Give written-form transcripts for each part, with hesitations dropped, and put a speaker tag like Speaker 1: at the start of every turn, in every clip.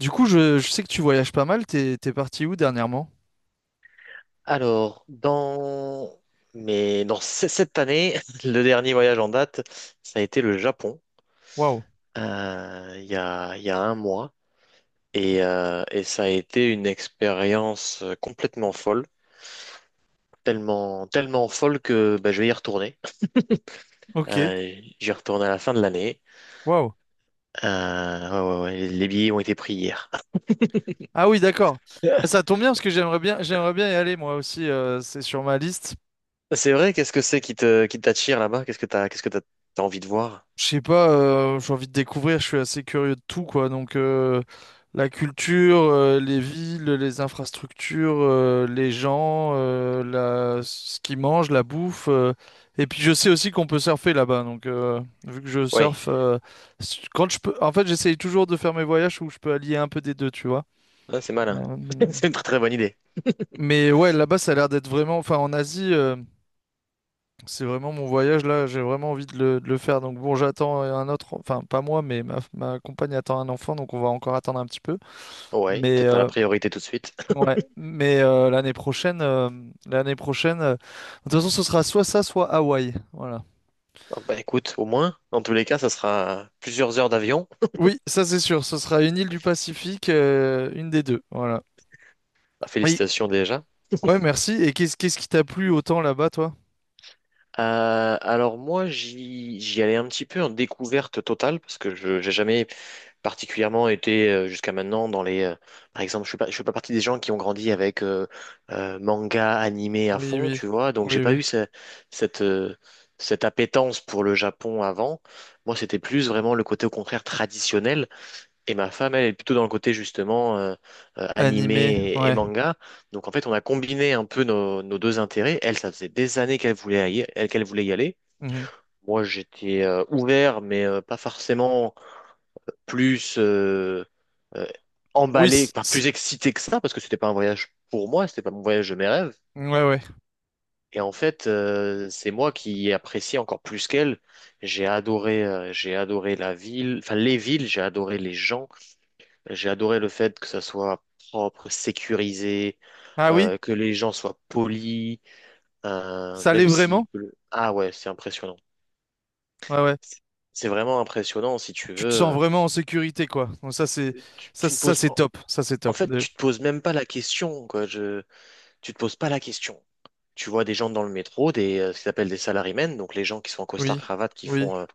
Speaker 1: Du coup, je sais que tu voyages pas mal. T'es parti où dernièrement?
Speaker 2: Alors, dans cette année, le dernier voyage en date, ça a été le Japon,
Speaker 1: Waouh.
Speaker 2: il y a un mois. Et ça a été une expérience complètement folle, tellement, tellement folle que bah, je vais y retourner.
Speaker 1: Ok.
Speaker 2: Euh, J'y retourne à la fin de l'année.
Speaker 1: Waouh.
Speaker 2: Ouais, ouais, ouais, les billets ont été pris hier.
Speaker 1: Ah oui, d'accord. Ah, ça tombe bien parce que j'aimerais bien y aller moi aussi. C'est sur ma liste.
Speaker 2: C'est vrai, qu'est-ce que c'est qui t'attire là-bas? T'as envie de voir?
Speaker 1: Je sais pas, j'ai envie de découvrir, je suis assez curieux de tout, quoi. Donc, la culture, les villes, les infrastructures, les gens, la... ce qu'ils mangent, la bouffe. Et puis, je sais aussi qu'on peut surfer là-bas. Donc, vu que je
Speaker 2: Oui,
Speaker 1: surfe, quand je peux. En fait, j'essaye toujours de faire mes voyages où je peux allier un peu des deux, tu vois.
Speaker 2: c'est malin.
Speaker 1: Euh,
Speaker 2: C'est une très très bonne idée.
Speaker 1: Mais ouais, là-bas, ça a l'air d'être vraiment. Enfin, en Asie. C'est vraiment mon voyage là, j'ai vraiment envie de le faire. Donc bon, j'attends un autre, enfin pas moi, mais ma compagne attend un enfant, donc on va encore attendre un petit peu.
Speaker 2: Ouais,
Speaker 1: Mais
Speaker 2: peut-être pas la priorité tout de suite.
Speaker 1: ouais, mais l'année prochaine, de toute façon, ce sera soit ça, soit Hawaï. Voilà.
Speaker 2: Ah bah écoute, au moins, dans tous les cas, ça sera plusieurs heures d'avion.
Speaker 1: Oui, ça c'est sûr, ce sera une île du Pacifique, une des deux. Voilà.
Speaker 2: Bah,
Speaker 1: Oui,
Speaker 2: félicitations déjà.
Speaker 1: ouais, merci. Et qu'est-ce qui t'a plu autant là-bas, toi?
Speaker 2: Alors moi, j'y allais un petit peu en découverte totale parce que je j'ai jamais particulièrement été jusqu'à maintenant dans les. Par exemple, je fais pas partie des gens qui ont grandi avec manga animé à
Speaker 1: Oui,
Speaker 2: fond,
Speaker 1: oui,
Speaker 2: tu vois. Donc j'ai
Speaker 1: oui,
Speaker 2: pas
Speaker 1: oui.
Speaker 2: eu cette euh, cette appétence pour le Japon avant. Moi, c'était plus vraiment le côté au contraire traditionnel. Et ma femme, elle est plutôt dans le côté justement
Speaker 1: Animé,
Speaker 2: animé et
Speaker 1: ouais.
Speaker 2: manga. Donc en fait, on a combiné un peu nos deux intérêts. Elle, ça faisait des années qu'elle voulait y aller.
Speaker 1: Mhm.
Speaker 2: Moi, j'étais ouvert, mais pas forcément plus euh,
Speaker 1: Oui,
Speaker 2: emballé, enfin, plus excité que ça, parce que c'était pas un voyage pour moi, c'était pas mon voyage de mes rêves.
Speaker 1: ouais, ouais.
Speaker 2: Et en fait, c'est moi qui ai apprécié encore plus qu'elle. J'ai adoré la ville, enfin les villes, j'ai adoré les gens, j'ai adoré le fait que ça soit propre, sécurisé,
Speaker 1: Ah oui,
Speaker 2: que les gens soient polis,
Speaker 1: ça l'est
Speaker 2: même si...
Speaker 1: vraiment?
Speaker 2: Ah ouais, c'est impressionnant.
Speaker 1: Ouais, ouais.
Speaker 2: C'est c'est vraiment impressionnant, si tu veux.
Speaker 1: Tu te sens vraiment en sécurité, quoi. Donc ça, c'est ça,
Speaker 2: Tu ne
Speaker 1: ça
Speaker 2: poses...
Speaker 1: c'est top. Ça, c'est
Speaker 2: En
Speaker 1: top.
Speaker 2: fait,
Speaker 1: Déjà.
Speaker 2: tu te poses même pas la question, quoi. Je... Tu te poses pas la question. Tu vois des gens dans le métro, ce qu'ils appellent des salarymen, donc les gens qui sont en
Speaker 1: Oui,
Speaker 2: costard-cravate,
Speaker 1: oui.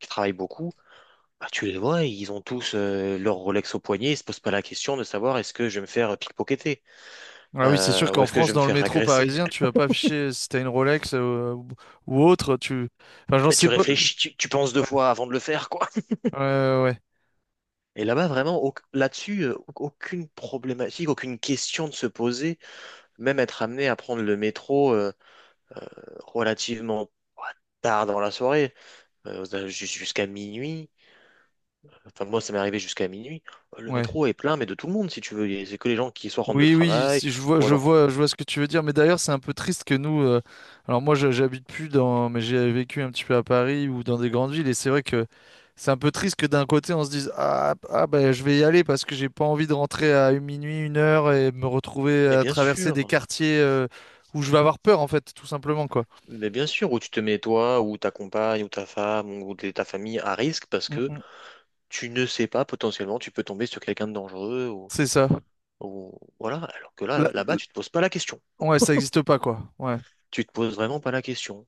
Speaker 2: qui travaillent beaucoup. Bah, tu les vois, ils ont tous leur Rolex au poignet, ils se posent pas la question de savoir est-ce que je vais me faire pickpocketer.
Speaker 1: Ah oui, c'est sûr
Speaker 2: Ou
Speaker 1: qu'en
Speaker 2: est-ce que je
Speaker 1: France,
Speaker 2: vais me
Speaker 1: dans le
Speaker 2: faire
Speaker 1: métro
Speaker 2: agresser?
Speaker 1: parisien, tu vas pas afficher si t'as une Rolex ou autre. Tu... Enfin, j'en
Speaker 2: Mais
Speaker 1: sais
Speaker 2: tu
Speaker 1: pas.
Speaker 2: réfléchis, tu penses deux fois avant de le faire, quoi.
Speaker 1: Ouais, ouais,
Speaker 2: Et là-bas, vraiment, là-dessus, aucune problématique, aucune question de se poser. Même être amené à prendre le métro euh, relativement, ouais, tard dans la soirée, jusqu'à minuit. Enfin, moi, ça m'est arrivé jusqu'à minuit. Le
Speaker 1: ouais.
Speaker 2: métro est plein, mais de tout le monde, si tu veux. Et c'est que les gens qui soit rentrent de
Speaker 1: Oui, oui,
Speaker 2: travail,
Speaker 1: si je vois,
Speaker 2: ou
Speaker 1: je
Speaker 2: alors.
Speaker 1: vois, je vois ce que tu veux dire. Mais d'ailleurs, c'est un peu triste que nous. Alors moi, j'habite plus dans, mais j'ai vécu un petit peu à Paris ou dans des grandes villes, et c'est vrai que c'est un peu triste que d'un côté on se dise ah, ah ben je vais y aller parce que j'ai pas envie de rentrer à une minuit, une heure et me retrouver
Speaker 2: Mais
Speaker 1: à
Speaker 2: bien
Speaker 1: traverser des
Speaker 2: sûr,
Speaker 1: quartiers où je vais avoir peur en fait, tout simplement quoi.
Speaker 2: mais bien sûr, où tu te mets toi, ou ta compagne, ou ta femme, ou ta famille à risque parce
Speaker 1: Mm,
Speaker 2: que
Speaker 1: mm.
Speaker 2: tu ne sais pas, potentiellement, tu peux tomber sur quelqu'un de dangereux,
Speaker 1: C'est ça.
Speaker 2: voilà. Alors que
Speaker 1: Là-
Speaker 2: là, là-bas, tu te poses pas la question.
Speaker 1: ouais, ça existe pas quoi. Ouais,
Speaker 2: Tu te poses vraiment pas la question.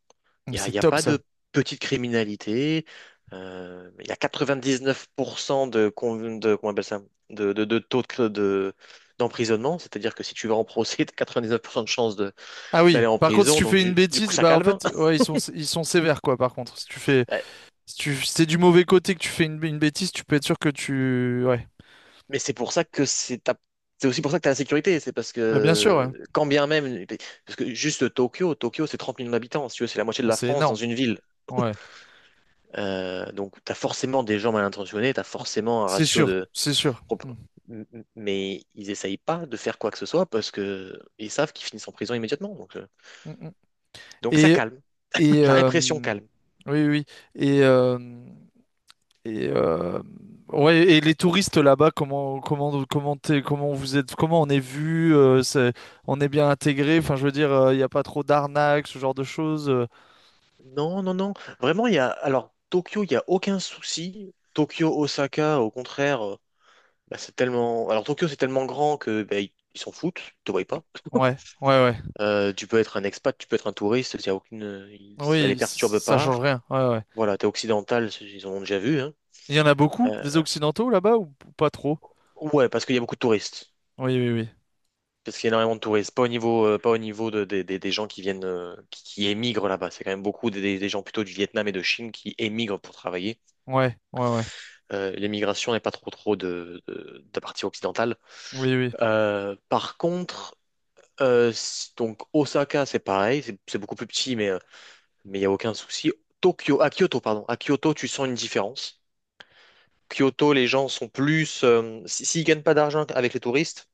Speaker 1: c'est
Speaker 2: Il y a
Speaker 1: top
Speaker 2: pas
Speaker 1: ça.
Speaker 2: de petite criminalité. Il y a 99% de comment on appelle ça, de taux d'emprisonnement. C'est-à-dire que si tu vas en procès, tu as 99% de chances
Speaker 1: Ah oui.
Speaker 2: d'aller en
Speaker 1: Par contre, si
Speaker 2: prison.
Speaker 1: tu
Speaker 2: Donc,
Speaker 1: fais une
Speaker 2: du coup,
Speaker 1: bêtise,
Speaker 2: ça
Speaker 1: bah en
Speaker 2: calme.
Speaker 1: fait, ouais, ils sont sévères quoi. Par contre, si tu fais. Si t'es du mauvais côté que tu fais une bêtise, tu peux être sûr que tu... Ouais.
Speaker 2: Mais c'est pour ça que c'est aussi pour ça que tu as la sécurité. C'est parce
Speaker 1: Bah, bien sûr,
Speaker 2: que,
Speaker 1: ouais.
Speaker 2: quand bien même, parce que juste Tokyo, c'est 30 millions d'habitants. Si tu veux, c'est la moitié de
Speaker 1: Ah,
Speaker 2: la
Speaker 1: c'est
Speaker 2: France dans
Speaker 1: énorme.
Speaker 2: une ville.
Speaker 1: Ouais.
Speaker 2: Donc, tu as forcément des gens mal intentionnés, tu as forcément un
Speaker 1: C'est
Speaker 2: ratio
Speaker 1: sûr,
Speaker 2: de.
Speaker 1: c'est sûr. Mm.
Speaker 2: Mais ils essayent pas de faire quoi que ce soit parce que ils savent qu'ils finissent en prison immédiatement.
Speaker 1: Mm, mm.
Speaker 2: Donc ça
Speaker 1: Et...
Speaker 2: calme.
Speaker 1: et
Speaker 2: La répression calme.
Speaker 1: Oui, oui. Oui. Et... et euh, Ouais, et les touristes là-bas, comment comment vous êtes, comment on est vu, on est bien intégré. Enfin, je veux dire, il n'y a pas trop d'arnaques, ce genre de choses.
Speaker 2: Non, non, non. Vraiment, il y a. Alors, Tokyo, il n'y a aucun souci. Tokyo, Osaka, au contraire. Bah, c'est tellement. Alors Tokyo, c'est tellement grand que bah, ils s'en foutent, ils te voient pas.
Speaker 1: Ouais, ouais, ouais.
Speaker 2: Tu peux être un expat, tu peux être un touriste, y a ça les
Speaker 1: Oui,
Speaker 2: perturbe
Speaker 1: ça
Speaker 2: pas.
Speaker 1: change rien. Ouais, ouais.
Speaker 2: Voilà, t'es occidental, ils en ont déjà vu. Hein.
Speaker 1: Il y en a beaucoup
Speaker 2: Euh,
Speaker 1: des Occidentaux là-bas ou pas trop?
Speaker 2: ouais, parce qu'il y a beaucoup de touristes.
Speaker 1: Oui, oui, oui.
Speaker 2: Parce qu'il y a énormément de touristes. Pas au niveau des gens qui viennent, qui émigrent là-bas. C'est quand même beaucoup des gens plutôt du Vietnam et de Chine qui émigrent pour travailler.
Speaker 1: Ouais, ouais, ouais.
Speaker 2: L'émigration n'est pas trop trop de la partie occidentale.
Speaker 1: Oui, oui.
Speaker 2: Par contre, donc Osaka, c'est pareil, c'est beaucoup plus petit, mais il n'y a aucun souci. Tokyo, à Kyoto, pardon. À Kyoto, tu sens une différence. Kyoto, les gens sont plus. S'ils gagnent pas d'argent avec les touristes,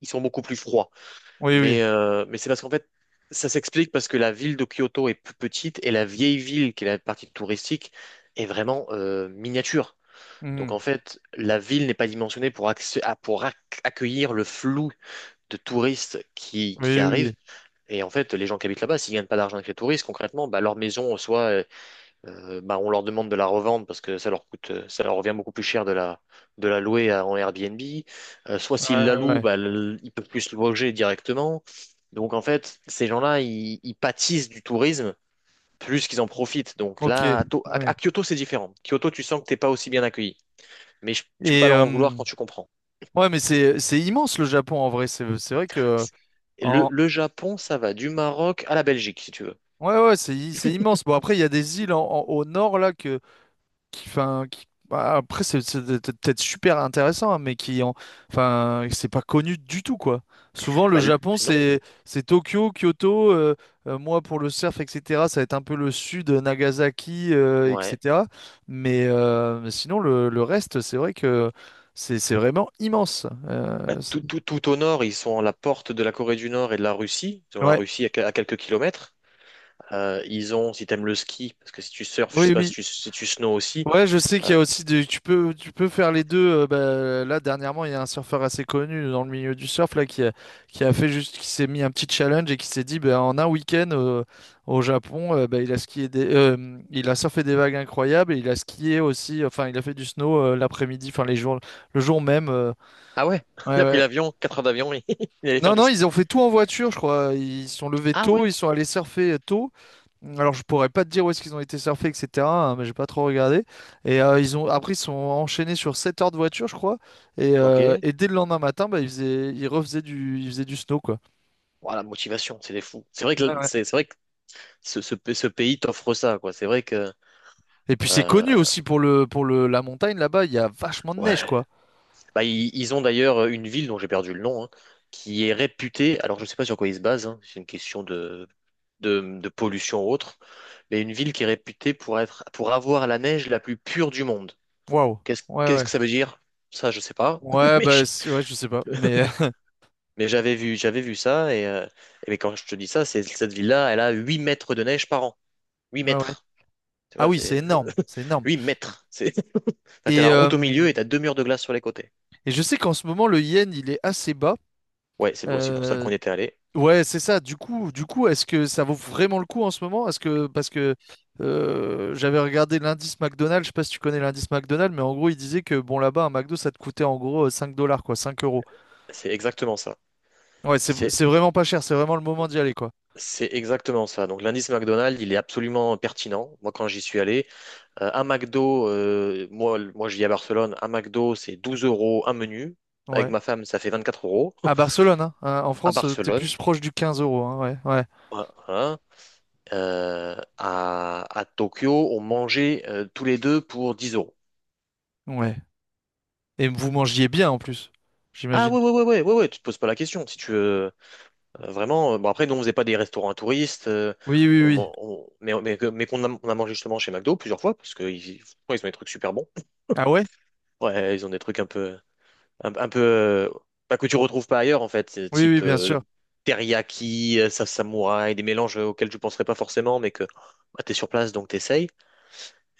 Speaker 2: ils sont beaucoup plus froids.
Speaker 1: Oui, oui.
Speaker 2: Mais c'est parce qu'en fait, ça s'explique parce que la ville de Kyoto est plus petite et la vieille ville, qui est la partie touristique, est vraiment miniature. Donc
Speaker 1: Mhm.
Speaker 2: en fait, la ville n'est pas dimensionnée pour, accé- à- pour ac- accueillir le flou de touristes qui
Speaker 1: Oui, oui,
Speaker 2: arrivent.
Speaker 1: oui.
Speaker 2: Et en fait, les gens qui habitent là-bas, s'ils gagnent pas d'argent avec les touristes, concrètement, bah, leur maison, soit bah, on leur demande de la revendre parce que ça leur coûte, ça leur revient beaucoup plus cher de la louer en Airbnb. Soit s'ils
Speaker 1: Ouais,
Speaker 2: la
Speaker 1: ouais,
Speaker 2: louent,
Speaker 1: ouais.
Speaker 2: bah, ils peuvent plus se loger directement. Donc en fait, ces gens-là, ils pâtissent du tourisme plus qu'ils en profitent. Donc
Speaker 1: Ok.
Speaker 2: là,
Speaker 1: Oui.
Speaker 2: à Kyoto, c'est différent. Kyoto, tu sens que t'es pas aussi bien accueilli. Mais je- tu peux pas
Speaker 1: Et
Speaker 2: leur en vouloir quand tu comprends.
Speaker 1: ouais, mais c'est immense le Japon en vrai. C'est vrai que en
Speaker 2: Le Japon, ça va du Maroc à la Belgique, si tu veux.
Speaker 1: ouais, ouais, c'est immense. Bon après, il y a des îles au nord là que qui, enfin, bah, après c'est c'est peut-être super intéressant, hein, mais qui en, enfin, c'est pas connu du tout quoi. Souvent le
Speaker 2: Bah,
Speaker 1: Japon
Speaker 2: non.
Speaker 1: c'est Tokyo, Kyoto, moi pour le surf etc. Ça va être un peu le sud, Nagasaki
Speaker 2: Ouais.
Speaker 1: etc. Mais sinon le reste c'est vrai que c'est vraiment immense.
Speaker 2: Bah, tout, tout, tout au nord, ils sont à la porte de la Corée du Nord et de la Russie. Ils ont la
Speaker 1: Ouais,
Speaker 2: Russie à quelques kilomètres. Ils ont, si t'aimes le ski, parce que si tu surfes, je sais
Speaker 1: oui
Speaker 2: pas si
Speaker 1: oui.
Speaker 2: tu, snow aussi.
Speaker 1: Ouais, je sais qu'il
Speaker 2: Euh,
Speaker 1: y a aussi des... tu peux faire les deux. Bah, là dernièrement, il y a un surfeur assez connu dans le milieu du surf là qui a fait juste qui s'est mis un petit challenge et qui s'est dit bah, en un week-end au Japon, bah, il a surfé des vagues incroyables et il a skié aussi. Enfin, il a fait du snow l'après-midi, enfin les jours le jour même.
Speaker 2: ah ouais,
Speaker 1: Ouais,
Speaker 2: il a pris
Speaker 1: ouais.
Speaker 2: l'avion, 4 heures d'avion, il est allé
Speaker 1: Non,
Speaker 2: faire du
Speaker 1: non,
Speaker 2: ski.
Speaker 1: ils ont fait tout en voiture, je crois. Ils se sont levés
Speaker 2: Ah
Speaker 1: tôt,
Speaker 2: ouais,
Speaker 1: ils sont allés surfer tôt. Alors, je pourrais pas te dire où est-ce qu'ils ont été surfer, etc. hein, mais j'ai pas trop regardé. Et ils ont après, ils sont enchaînés sur 7 heures de voiture, je crois.
Speaker 2: ok.
Speaker 1: Et dès le lendemain matin, bah, ils faisaient du snow, quoi.
Speaker 2: Voilà, motivation, c'est des fous.
Speaker 1: Ouais, ouais.
Speaker 2: C'est vrai que ce pays t'offre ça, quoi. C'est vrai que,
Speaker 1: Et puis, c'est
Speaker 2: euh,
Speaker 1: connu aussi pour la montagne là-bas. Il y a vachement de neige,
Speaker 2: ouais.
Speaker 1: quoi.
Speaker 2: Bah, ils ont d'ailleurs une ville dont j'ai perdu le nom, hein, qui est réputée, alors je ne sais pas sur quoi ils se basent, hein, c'est une question de pollution ou autre, mais une ville qui est réputée pour avoir la neige la plus pure du monde.
Speaker 1: Waouh. Ouais,
Speaker 2: Qu'est-ce
Speaker 1: ouais.
Speaker 2: que ça veut dire? Ça, je sais pas,
Speaker 1: Ouais,
Speaker 2: mais,
Speaker 1: bah, ouais, je sais pas, mais
Speaker 2: mais j'avais vu ça, et mais quand je te dis ça, c'est cette ville-là, elle a 8 mètres de neige par an. Huit
Speaker 1: ouais, ouais.
Speaker 2: mètres. Tu
Speaker 1: Ah
Speaker 2: vois,
Speaker 1: oui, c'est
Speaker 2: c'est
Speaker 1: énorme, c'est énorme.
Speaker 2: 8 mètres. C'est, t'as
Speaker 1: Et,
Speaker 2: la
Speaker 1: euh,
Speaker 2: route au milieu et t'as deux murs de glace sur les côtés.
Speaker 1: et je sais qu'en ce moment, le yen, il est assez bas.
Speaker 2: Ouais, c'est aussi pour ça
Speaker 1: Euh,
Speaker 2: qu'on y était allé.
Speaker 1: ouais, c'est ça. Du coup, est-ce que ça vaut vraiment le coup en ce moment? Est-ce que parce que j'avais regardé l'indice McDonald's, je sais pas si tu connais l'indice McDonald's, mais en gros, il disait que bon là-bas, un McDo, ça te coûtait en gros 5 dollars, quoi, 5 euros.
Speaker 2: C'est exactement ça.
Speaker 1: Ouais, c'est
Speaker 2: C'est
Speaker 1: c'est vraiment pas cher, c'est vraiment le moment d'y aller, quoi.
Speaker 2: C'est exactement ça. Donc l'indice McDonald's, il est absolument pertinent. Moi, quand j'y suis allé, un McDo, moi je vis à Barcelone, un McDo, c'est 12 euros un menu. Avec
Speaker 1: Ouais.
Speaker 2: ma femme, ça fait 24 euros.
Speaker 1: À Barcelone, hein, hein, en
Speaker 2: À
Speaker 1: France, t'es
Speaker 2: Barcelone,
Speaker 1: plus proche du quinze euros, hein, ouais, ouais,
Speaker 2: voilà. À Tokyo, on mangeait tous les deux pour 10 euros.
Speaker 1: ouais. Et vous mangiez bien en plus,
Speaker 2: Ah
Speaker 1: j'imagine.
Speaker 2: ouais, ouais, ouais, ouais, ouais, ouais, tu te poses pas la question. Si tu veux vraiment. Bon, après, nous, on faisait pas des restaurants à touristes.
Speaker 1: Oui, oui,
Speaker 2: On, man-
Speaker 1: oui.
Speaker 2: on- mais On a mangé justement chez McDo plusieurs fois, parce qu'ils ont des trucs super bons.
Speaker 1: Ah ouais?
Speaker 2: Ouais, ils ont des trucs un peu, un, un peu, euh, pas que tu retrouves pas ailleurs en fait,
Speaker 1: Oui, oui,
Speaker 2: type
Speaker 1: bien sûr.
Speaker 2: teriyaki, samouraï, des mélanges auxquels je penserais pas forcément, mais que bah, t'es sur place donc t'essayes.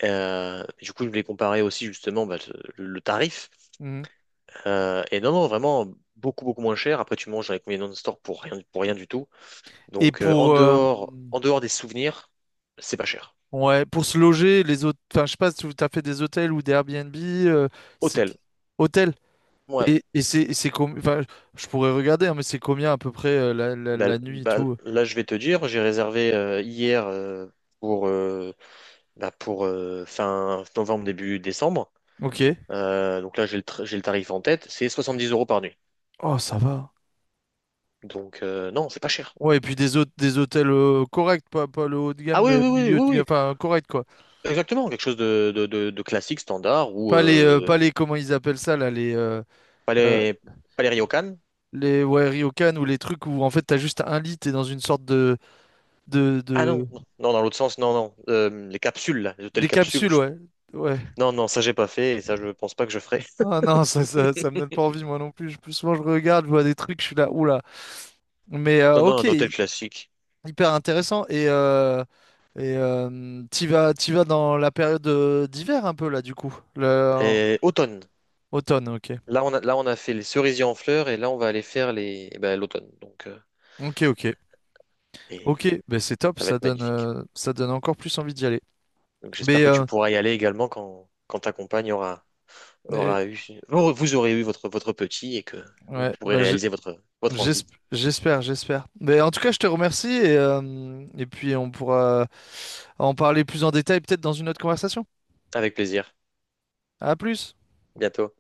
Speaker 2: Du coup, je voulais comparer aussi justement bah, le tarif.
Speaker 1: Mhm.
Speaker 2: Et non, non, vraiment beaucoup beaucoup moins cher. Après, tu manges avec les non-stop pour rien du tout.
Speaker 1: Et
Speaker 2: Donc
Speaker 1: pour
Speaker 2: en dehors des souvenirs, c'est pas cher.
Speaker 1: ouais, pour se loger, les autres, enfin, je sais pas si tu as fait des hôtels ou des Airbnb, c'est
Speaker 2: Hôtel,
Speaker 1: hôtel.
Speaker 2: ouais.
Speaker 1: Et c'est enfin, je pourrais regarder, hein, mais c'est combien à peu près la, la, la nuit et
Speaker 2: Bah,
Speaker 1: tout.
Speaker 2: là, je vais te dire, j'ai réservé hier, pour bah, pour fin novembre, début décembre.
Speaker 1: Ok.
Speaker 2: Donc là, j'ai le tarif en tête, c'est 70 euros par nuit.
Speaker 1: Oh, ça va.
Speaker 2: Donc non, c'est pas cher.
Speaker 1: Ouais, et puis des des hôtels corrects, pas, pas le haut de
Speaker 2: Ah
Speaker 1: gamme,
Speaker 2: oui,
Speaker 1: mais
Speaker 2: oui, oui,
Speaker 1: milieu
Speaker 2: oui,
Speaker 1: de gamme,
Speaker 2: oui,
Speaker 1: enfin correct quoi.
Speaker 2: exactement, quelque chose de, de classique, standard, ou
Speaker 1: Pas les, pas les, comment ils appellent ça là,
Speaker 2: pas
Speaker 1: euh,
Speaker 2: les, pas les Ryokan.
Speaker 1: les ouais, ryokan ou les trucs où en fait t'as juste un lit, t'es dans une sorte de, de,
Speaker 2: Ah
Speaker 1: de,
Speaker 2: non, non, non, dans l'autre sens, non, non, les capsules, là, les hôtels
Speaker 1: des
Speaker 2: capsules.
Speaker 1: capsules, ouais. Ouais.
Speaker 2: Non, non, ça j'ai pas fait, et ça je pense pas que je ferai.
Speaker 1: Ah non, ça, ça me donne pas envie, moi non plus. Plus souvent, je regarde, je vois des trucs, je suis là, oula. Mais
Speaker 2: Non, non,
Speaker 1: ok,
Speaker 2: un hôtel classique.
Speaker 1: hyper intéressant. Et, t'y vas dans la période d'hiver un peu, là, du coup. Le...
Speaker 2: Et automne.
Speaker 1: Automne, ok.
Speaker 2: Là, on a fait les cerisiers en fleurs, et là, on va aller faire eh ben, l'automne. Donc,
Speaker 1: Ok, ok.
Speaker 2: et
Speaker 1: Ok, ben c'est top,
Speaker 2: ça va être magnifique.
Speaker 1: ça donne encore plus envie d'y aller.
Speaker 2: Donc j'espère
Speaker 1: Mais
Speaker 2: que tu pourras y aller également quand ta compagne
Speaker 1: eh oui,
Speaker 2: aura eu, vous vous aurez eu votre petit et que vous
Speaker 1: ouais,
Speaker 2: pourrez
Speaker 1: ben
Speaker 2: réaliser votre envie.
Speaker 1: j'espère, j'espère. Mais en tout cas, je te remercie et puis on pourra en parler plus en détail peut-être dans une autre conversation.
Speaker 2: Avec plaisir.
Speaker 1: À plus!
Speaker 2: Bientôt.